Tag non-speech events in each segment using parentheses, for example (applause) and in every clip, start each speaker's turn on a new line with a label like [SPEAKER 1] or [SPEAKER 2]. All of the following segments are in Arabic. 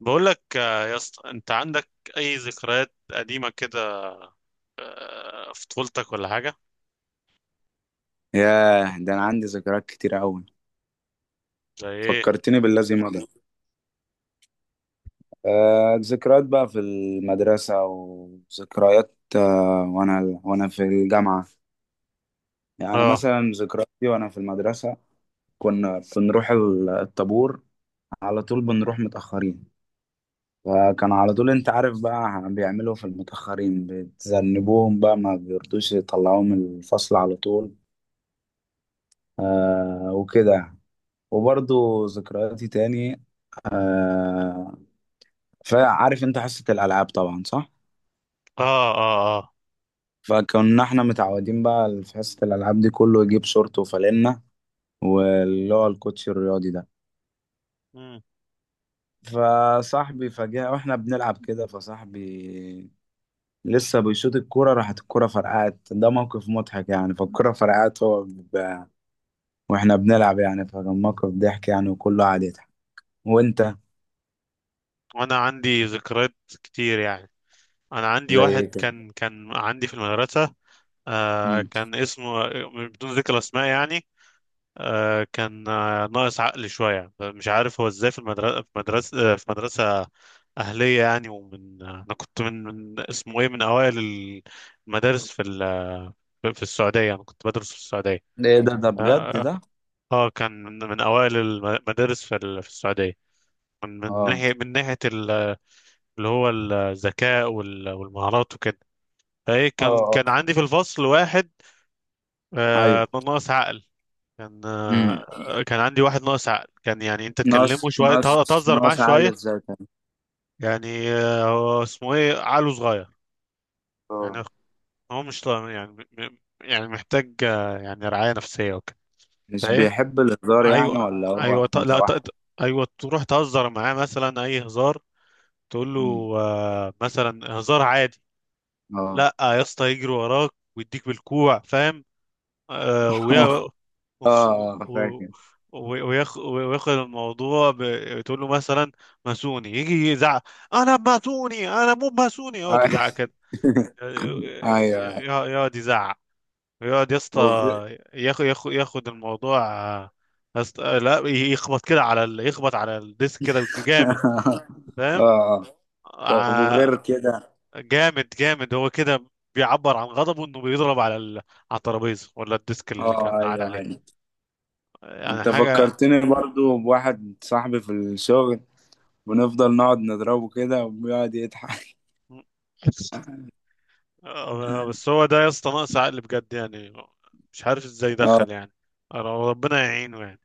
[SPEAKER 1] بقول لك يا اسطى انت عندك اي ذكريات قديمه كده. في طفولتك ولا حاجه؟
[SPEAKER 2] ياه، ده أنا عندي ذكريات كتير أوي.
[SPEAKER 1] زي ايه؟
[SPEAKER 2] فكرتني بالذي مضى. ذكريات بقى في المدرسة، وذكريات وأنا في الجامعة. يعني
[SPEAKER 1] اه
[SPEAKER 2] مثلا ذكرياتي وأنا في المدرسة، كنا بنروح الطابور. على طول بنروح متأخرين، فكان على طول أنت عارف بقى بيعملوا في المتأخرين، بتذنبوهم بقى، ما بيرضوش يطلعوهم من الفصل على طول. وكده. وبرضو ذكرياتي تاني، آه، فعارف انت حصة الألعاب طبعا، صح؟
[SPEAKER 1] اه اه. اه.
[SPEAKER 2] فكنا احنا متعودين بقى في حصة الألعاب دي كله يجيب شورت فانلة، واللي هو الكوتش الرياضي ده.
[SPEAKER 1] مم.
[SPEAKER 2] فصاحبي فجأة واحنا بنلعب كده، فصاحبي لسه بيشوط الكورة، راحت الكورة فرقعت. ده موقف مضحك يعني. فالكورة فرقعت واحنا بنلعب يعني. فكان موقف ضحك يعني، وكله قاعد يضحك. وانت؟
[SPEAKER 1] وانا عندي ذكريات كتير يعني. انا عندي
[SPEAKER 2] زي ايه
[SPEAKER 1] واحد
[SPEAKER 2] كده؟
[SPEAKER 1] كان عندي في المدرسه. آه
[SPEAKER 2] مم.
[SPEAKER 1] كان اسمه، بدون ذكر اسماء يعني. آه كان، آه، ناقص عقل شويه. مش عارف هو ازاي في المدرسه، في مدرسه، في مدرسه اهليه يعني. ومن، انا كنت من، اسمه ايه، من اوائل المدارس في في السعودية. أنا كنت بدرس في السعودية.
[SPEAKER 2] ايه ده
[SPEAKER 1] آه,
[SPEAKER 2] بجد
[SPEAKER 1] آه.
[SPEAKER 2] ده؟
[SPEAKER 1] كان من أوائل المدارس في، في السعودية. من
[SPEAKER 2] اه،
[SPEAKER 1] ناحية من ناحية اللي هو الذكاء والمهارات وكده. فإيه، كان
[SPEAKER 2] اه،
[SPEAKER 1] كان
[SPEAKER 2] اه.
[SPEAKER 1] عندي في الفصل واحد
[SPEAKER 2] ايوه.
[SPEAKER 1] آه ناقص عقل. كان،
[SPEAKER 2] مم.
[SPEAKER 1] آه، كان عندي واحد ناقص عقل، كان يعني أنت تكلمه شوية تهزر معاه
[SPEAKER 2] ناقص عالي
[SPEAKER 1] شوية.
[SPEAKER 2] ازاي؟
[SPEAKER 1] يعني آه هو اسمه إيه، عقله صغير
[SPEAKER 2] اه.
[SPEAKER 1] يعني. هو مش يعني، يعني محتاج، يعني رعاية نفسية وكده.
[SPEAKER 2] مش
[SPEAKER 1] فإيه،
[SPEAKER 2] بيحب الهزار
[SPEAKER 1] ايوه.
[SPEAKER 2] يعني، ولا هو
[SPEAKER 1] ايوه ط... لا ط...
[SPEAKER 2] متوحد؟
[SPEAKER 1] ط- ايوه. تروح تهزر معاه مثلا اي هزار، تقول له
[SPEAKER 2] مم.
[SPEAKER 1] آه مثلا هزار عادي،
[SPEAKER 2] اه.
[SPEAKER 1] لا يا اسطى يجري وراك ويديك بالكوع، فاهم؟ آه ويا...
[SPEAKER 2] (laughs) اه.
[SPEAKER 1] (laughs) و... و-
[SPEAKER 2] فاكر.
[SPEAKER 1] وياخد الموضوع تقول له مثلا ماسوني، يجي يزعق انا ماسوني انا مو ماسوني، يقعد يزعق
[SPEAKER 2] (laughs)
[SPEAKER 1] كده.
[SPEAKER 2] ايوه.
[SPEAKER 1] يقعد يزعق، يقعد يا اسطى
[SPEAKER 2] وغ-
[SPEAKER 1] ياخد ياخد الموضوع، آه، أست... آه، لا يخبط كده على يخبط على الديسك كده جامد،
[SPEAKER 2] (laughs)
[SPEAKER 1] فاهم؟
[SPEAKER 2] اه. طب،
[SPEAKER 1] آه،
[SPEAKER 2] وغير كده؟
[SPEAKER 1] جامد جامد هو كده، بيعبر عن غضبه انه بيضرب على على الترابيزه ولا الديسك اللي كان
[SPEAKER 2] اه،
[SPEAKER 1] قاعد
[SPEAKER 2] ايوه،
[SPEAKER 1] عليه.
[SPEAKER 2] ايوه.
[SPEAKER 1] يعني
[SPEAKER 2] انت
[SPEAKER 1] حاجه.
[SPEAKER 2] فكرتني برضو بواحد صاحبي في الشغل، بنفضل نقعد نضربه كده وبيقعد يضحك. (laughs)
[SPEAKER 1] آه، بس هو ده يا اسطى ناقص عقل بجد يعني. مش عارف ازاي
[SPEAKER 2] اه.
[SPEAKER 1] دخل يعني. ربنا يعينه يعني.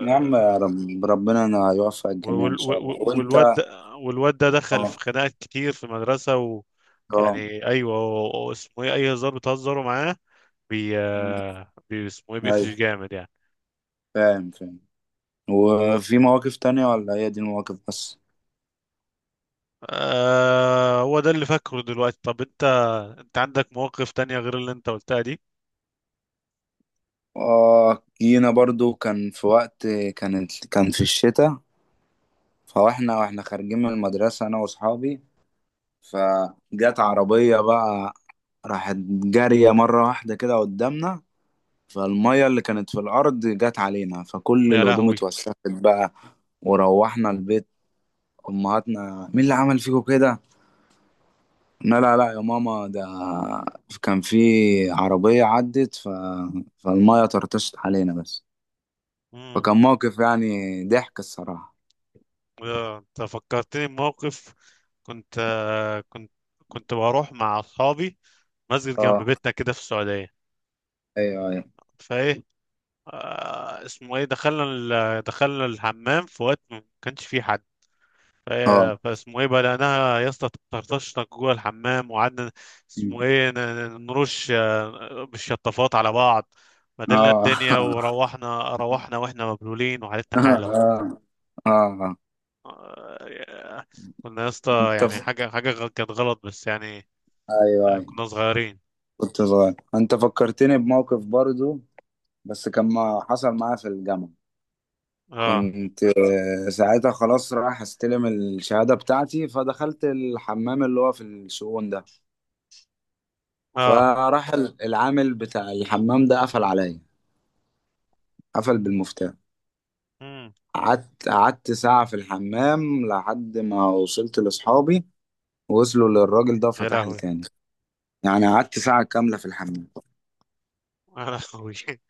[SPEAKER 2] يا عم، يا رب، ربنا انا يوفق الجميع ان
[SPEAKER 1] وال-
[SPEAKER 2] شاء
[SPEAKER 1] وال-
[SPEAKER 2] الله.
[SPEAKER 1] والواد
[SPEAKER 2] وانت؟
[SPEAKER 1] ده، والواد ده دخل في
[SPEAKER 2] اه،
[SPEAKER 1] خناقات كتير في المدرسة.
[SPEAKER 2] اه.
[SPEAKER 1] يعني ايوه، هو اسمه ايه، اي هزار بتهزروا معاه بي
[SPEAKER 2] أمم،
[SPEAKER 1] آه، بي اسمه ايه، بيقفش
[SPEAKER 2] ايوه،
[SPEAKER 1] جامد يعني.
[SPEAKER 2] فاهم فاهم. وفي مواقف تانية، ولا هي دي المواقف بس؟
[SPEAKER 1] آه هو ده اللي فاكره دلوقتي. طب انت، انت عندك مواقف تانية غير اللي انت قلتها دي؟
[SPEAKER 2] اه، جينا برضو. كان في وقت، كان في الشتاء، فاحنا خارجين من المدرسة انا واصحابي، فجت عربية بقى، راحت جارية مرة واحدة كده قدامنا، فالمية اللي كانت في الأرض جت علينا، فكل
[SPEAKER 1] يا
[SPEAKER 2] الهدوم
[SPEAKER 1] لهوي!
[SPEAKER 2] اتوسخت بقى. وروحنا البيت، أمهاتنا: مين اللي عمل فيكم كده؟ لا لا لا يا ماما، ده كان في عربية عدت فالمية طرطشت علينا بس.
[SPEAKER 1] امم.
[SPEAKER 2] فكان موقف يعني ضحك الصراحة.
[SPEAKER 1] آه، انت فكرتني بموقف، كنت آه، كنت بروح مع اصحابي مسجد جنب
[SPEAKER 2] اه،
[SPEAKER 1] بيتنا كده في السعودية.
[SPEAKER 2] ايوه، ايوه.
[SPEAKER 1] فايه، آه اسمه ايه، دخلنا الحمام في وقت ما كانش فيه حد.
[SPEAKER 2] اه
[SPEAKER 1] فاسمه ايه بلقناها يا اسطى تطرطشنا جوه الحمام، وقعدنا
[SPEAKER 2] م.
[SPEAKER 1] اسمه ايه نرش، آه، بالشطافات على بعض. مدلنا
[SPEAKER 2] اه.
[SPEAKER 1] الدنيا، وروحنا روحنا واحنا مبلولين وحالتنا حاله.
[SPEAKER 2] (laughs) اه. اه.
[SPEAKER 1] آه، كنا يا اسطى
[SPEAKER 2] انت
[SPEAKER 1] يعني
[SPEAKER 2] ف...
[SPEAKER 1] حاجه، كانت غلط بس يعني.
[SPEAKER 2] ايوه،
[SPEAKER 1] آه،
[SPEAKER 2] ايوه.
[SPEAKER 1] كنا صغيرين.
[SPEAKER 2] كنت صغير. انت فكرتني بموقف برضو، بس كان ما حصل معايا في الجامعة.
[SPEAKER 1] اه
[SPEAKER 2] كنت ساعتها خلاص رايح استلم الشهادة بتاعتي، فدخلت الحمام اللي هو في الشؤون ده.
[SPEAKER 1] اه.
[SPEAKER 2] فراح العامل بتاع الحمام ده قفل عليا، قفل بالمفتاح.
[SPEAKER 1] امم.
[SPEAKER 2] قعدت ساعة في الحمام لحد ما وصلت لأصحابي، وصلوا للراجل ده
[SPEAKER 1] يا
[SPEAKER 2] وفتح لي
[SPEAKER 1] لهوي!
[SPEAKER 2] تاني. يعني قعدت ساعة كاملة في الحمام.
[SPEAKER 1] يا لهوي! (laughs)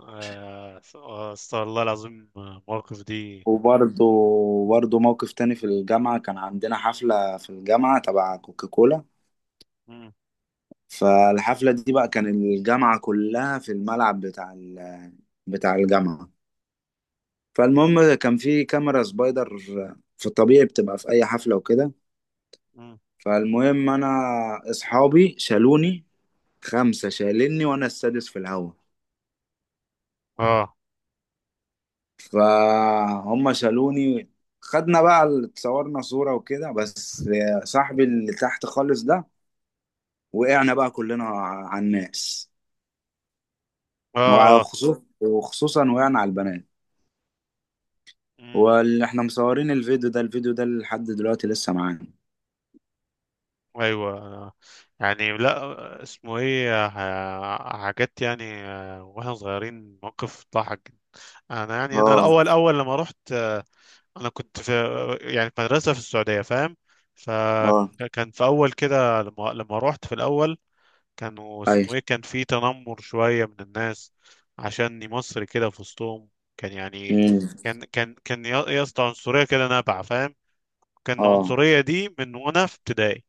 [SPEAKER 1] آه، استغفر الله العظيم. آه، المواقف دي.
[SPEAKER 2] وبرضه برضه موقف تاني في الجامعة. كان عندنا حفلة في الجامعة تبع كوكاكولا.
[SPEAKER 1] مم.
[SPEAKER 2] فالحفلة دي بقى، كان الجامعة كلها في الملعب بتاع بتاع الجامعة. فالمهم، كان في كاميرا سبايدر، في الطبيعي بتبقى في أي حفلة وكده.
[SPEAKER 1] مم.
[SPEAKER 2] فالمهم، انا اصحابي شالوني. خمسة شالني وانا السادس في الهوا.
[SPEAKER 1] اه
[SPEAKER 2] فهم شالوني. خدنا بقى اتصورنا صورة وكده. بس صاحبي اللي تحت خالص ده، وقعنا بقى كلنا على الناس.
[SPEAKER 1] اه اه.
[SPEAKER 2] وخصوصا وقعنا على البنات.
[SPEAKER 1] مم.
[SPEAKER 2] واللي احنا مصورين الفيديو ده، لحد دلوقتي لسه معانا.
[SPEAKER 1] ايوه. يعني لا اسمه ايه، حاجات يعني، آه، واحنا صغيرين موقف ضحك جدا. انا يعني، انا
[SPEAKER 2] اه،
[SPEAKER 1] الاول، اول لما رحت آه، انا كنت في، يعني في مدرسه في السعوديه فاهم.
[SPEAKER 2] اه،
[SPEAKER 1] فكان في اول كده لما، لما رحت في الاول كانوا
[SPEAKER 2] اي،
[SPEAKER 1] اسمه ايه، كان في تنمر شويه من الناس عشاني مصري كده في وسطهم. كان يعني،
[SPEAKER 2] امم،
[SPEAKER 1] كان كان كان يا يا اسطى عنصريه كده نابعه فاهم. كان
[SPEAKER 2] اه،
[SPEAKER 1] العنصريه دي من وانا في ابتدائي.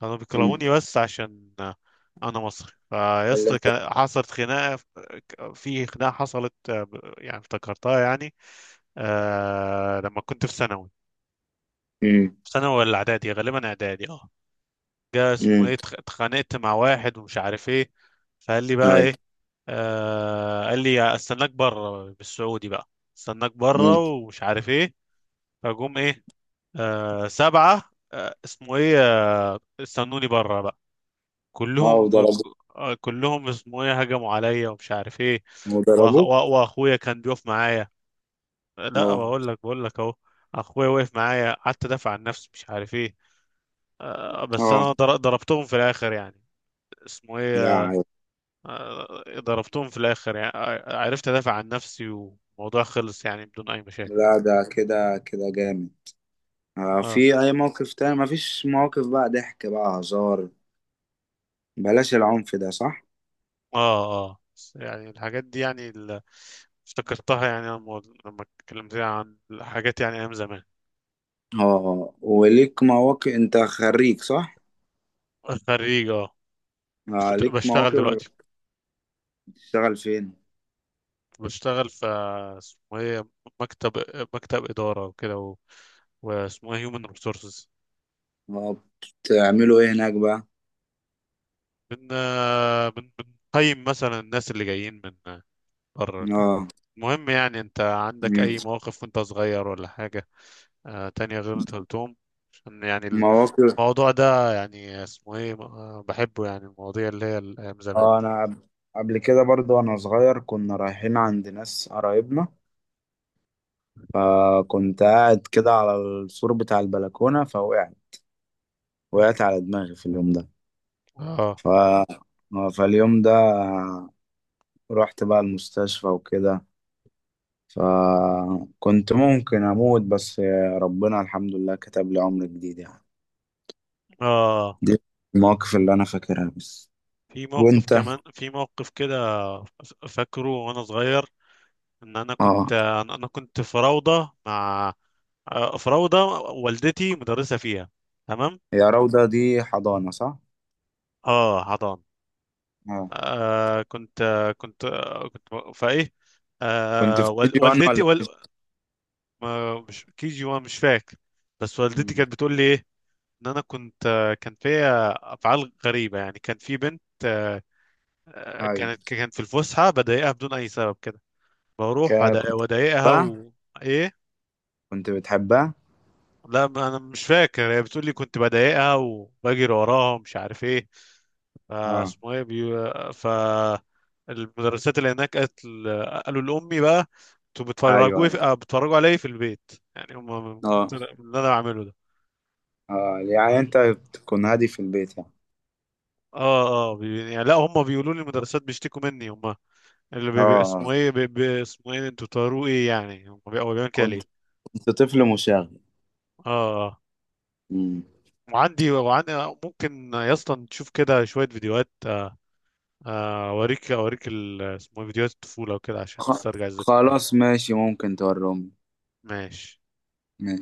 [SPEAKER 1] كانوا
[SPEAKER 2] امم.
[SPEAKER 1] بيكرهوني بس عشان انا مصري. فيا
[SPEAKER 2] اللي
[SPEAKER 1] اسطى
[SPEAKER 2] انت.
[SPEAKER 1] كان حصلت خناقه، في خناقه حصلت آه، يعني افتكرتها يعني. آه لما كنت في ثانوي،
[SPEAKER 2] امم،
[SPEAKER 1] في ثانوي ولا اعدادي، غالبا اعدادي. اه جا اسمه
[SPEAKER 2] امم،
[SPEAKER 1] ايه، اتخانقت مع واحد ومش عارف ايه. فقال لي بقى
[SPEAKER 2] اي،
[SPEAKER 1] ايه، آه قال لي استناك بره بالسعودي بقى، استناك بره
[SPEAKER 2] امم.
[SPEAKER 1] ومش عارف ايه. فجم ايه، آه سبعه آه اسمه ايه، آه استنوني بره بقى.
[SPEAKER 2] اه،
[SPEAKER 1] كلهم، آه، كلهم اسمه ايه هجموا عليا ومش عارف ايه.
[SPEAKER 2] وضربه.
[SPEAKER 1] واخويا كان بيقف معايا. لا
[SPEAKER 2] اه،
[SPEAKER 1] بقول لك، بقول لك اهو، اخويا وقف معايا، قعدت ادافع عن نفسي مش عارف ايه. آه، بس
[SPEAKER 2] اه.
[SPEAKER 1] انا ضربتهم في الاخر يعني، اسمه
[SPEAKER 2] لا،
[SPEAKER 1] ايه،
[SPEAKER 2] عيب.
[SPEAKER 1] آه، ضربتهم في الاخر يعني. آه، عرفت ادافع عن نفسي والموضوع خلص يعني بدون اي مشاكل.
[SPEAKER 2] لا، ده كده كده جامد.
[SPEAKER 1] اه
[SPEAKER 2] في اي موقف تاني، مفيش مواقف بقى ضحك، بقى هزار، بلاش العنف ده، صح؟
[SPEAKER 1] اه اه. بس يعني الحاجات دي يعني افتكرتها يعني لما، لما اتكلمت عن الحاجات يعني ايام زمان.
[SPEAKER 2] اه، وليك مواقف؟ انت خريج، صح؟
[SPEAKER 1] (laughs) خريج اه.
[SPEAKER 2] ليك
[SPEAKER 1] بشتغل
[SPEAKER 2] مواقف.
[SPEAKER 1] دلوقتي.
[SPEAKER 2] بتشتغل فين؟
[SPEAKER 1] بشتغل في، اسمه ايه، مكتب، مكتب إدارة وكده و... واسمه ايه human resources.
[SPEAKER 2] اه، بتعملوا ايه هناك بقى؟
[SPEAKER 1] بن بن بنقيم مثلا الناس اللي جايين من بره كده.
[SPEAKER 2] اه.
[SPEAKER 1] المهم يعني انت عندك
[SPEAKER 2] مم.
[SPEAKER 1] اي مواقف وانت صغير ولا حاجة آه تانية غير اللي انت قلتهم؟ عشان يعني
[SPEAKER 2] مواقف.
[SPEAKER 1] الموضوع ده يعني اسمه ايه، آه، بحبه يعني المواضيع اللي هي ايام زمان
[SPEAKER 2] اه،
[SPEAKER 1] دي.
[SPEAKER 2] انا قبل كده برضو وانا صغير كنا رايحين عند ناس قرايبنا، فكنت قاعد كده على السور بتاع البلكونة، فوقعت. وقعت
[SPEAKER 1] مم.
[SPEAKER 2] على دماغي في اليوم ده.
[SPEAKER 1] اه
[SPEAKER 2] ف... فاليوم ده رحت بقى المستشفى وكده. فكنت ممكن أموت، بس ربنا الحمد لله كتب لي عمر جديد يعني.
[SPEAKER 1] اه.
[SPEAKER 2] دي المواقف اللي أنا فاكرها بس.
[SPEAKER 1] في موقف
[SPEAKER 2] وأنت؟
[SPEAKER 1] كمان، في موقف كده فاكره وانا صغير، ان انا
[SPEAKER 2] اه.
[SPEAKER 1] كنت، أنا كنت في روضه مع، آه، في روضه والدتي مدرسه فيها، تمام؟
[SPEAKER 2] يا روضة، دي حضانة، صح؟
[SPEAKER 1] اه حضان.
[SPEAKER 2] اه،
[SPEAKER 1] آه كنت، آه، كنت، آه، كنت، فايه،
[SPEAKER 2] كنت
[SPEAKER 1] آه
[SPEAKER 2] في كي جي 1
[SPEAKER 1] والدتي
[SPEAKER 2] ولا في
[SPEAKER 1] ما، مش KG1 مش فاكر. بس والدتي
[SPEAKER 2] جي؟
[SPEAKER 1] كانت بتقول لي ايه، ان انا كنت، آه، كان فيا افعال غريبه يعني. كان في بنت، آه، آه،
[SPEAKER 2] أيوه.
[SPEAKER 1] كانت في الفسحه بضايقها بدون اي سبب كده. بروح
[SPEAKER 2] كنت
[SPEAKER 1] واضايقها
[SPEAKER 2] بقى،
[SPEAKER 1] وايه.
[SPEAKER 2] كنت بتحبها؟
[SPEAKER 1] لا، ما انا مش فاكر، هي بتقول لي كنت بضايقها وبجري وراها ومش عارف ايه.
[SPEAKER 2] اه،
[SPEAKER 1] فاسمه ايه فالمدرسات اللي هناك قالوا لامي بقى، انتوا
[SPEAKER 2] ايوه،
[SPEAKER 1] بتفرجوا
[SPEAKER 2] ايوه.
[SPEAKER 1] آه، بتفرجوا عليا في البيت يعني، هم كنت من
[SPEAKER 2] اه،
[SPEAKER 1] اللي انا بعمله ده.
[SPEAKER 2] اه. يعني انت بتكون هادي في البيت يعني؟
[SPEAKER 1] اه اه يعني لا، هم بيقولوا لي المدرسات بيشتكوا مني هم. اللي
[SPEAKER 2] اه،
[SPEAKER 1] اسمه ايه اسمه ايه، انتوا بتوروا ايه يعني، هم هو بيعمل كده
[SPEAKER 2] كنت.
[SPEAKER 1] ليه.
[SPEAKER 2] انت طفل مشاغب.
[SPEAKER 1] اه. آه.
[SPEAKER 2] مم.
[SPEAKER 1] وعندي، وعندي، ممكن يا اسطى تشوف كده شويه فيديوهات، آه، آه، اوريك، اوريك اسمه إيه، فيديوهات الطفولة وكده عشان
[SPEAKER 2] خ...
[SPEAKER 1] تسترجع الذكريات.
[SPEAKER 2] خلاص، ماشي. ممكن تورمني.
[SPEAKER 1] ماشي.
[SPEAKER 2] ماشي.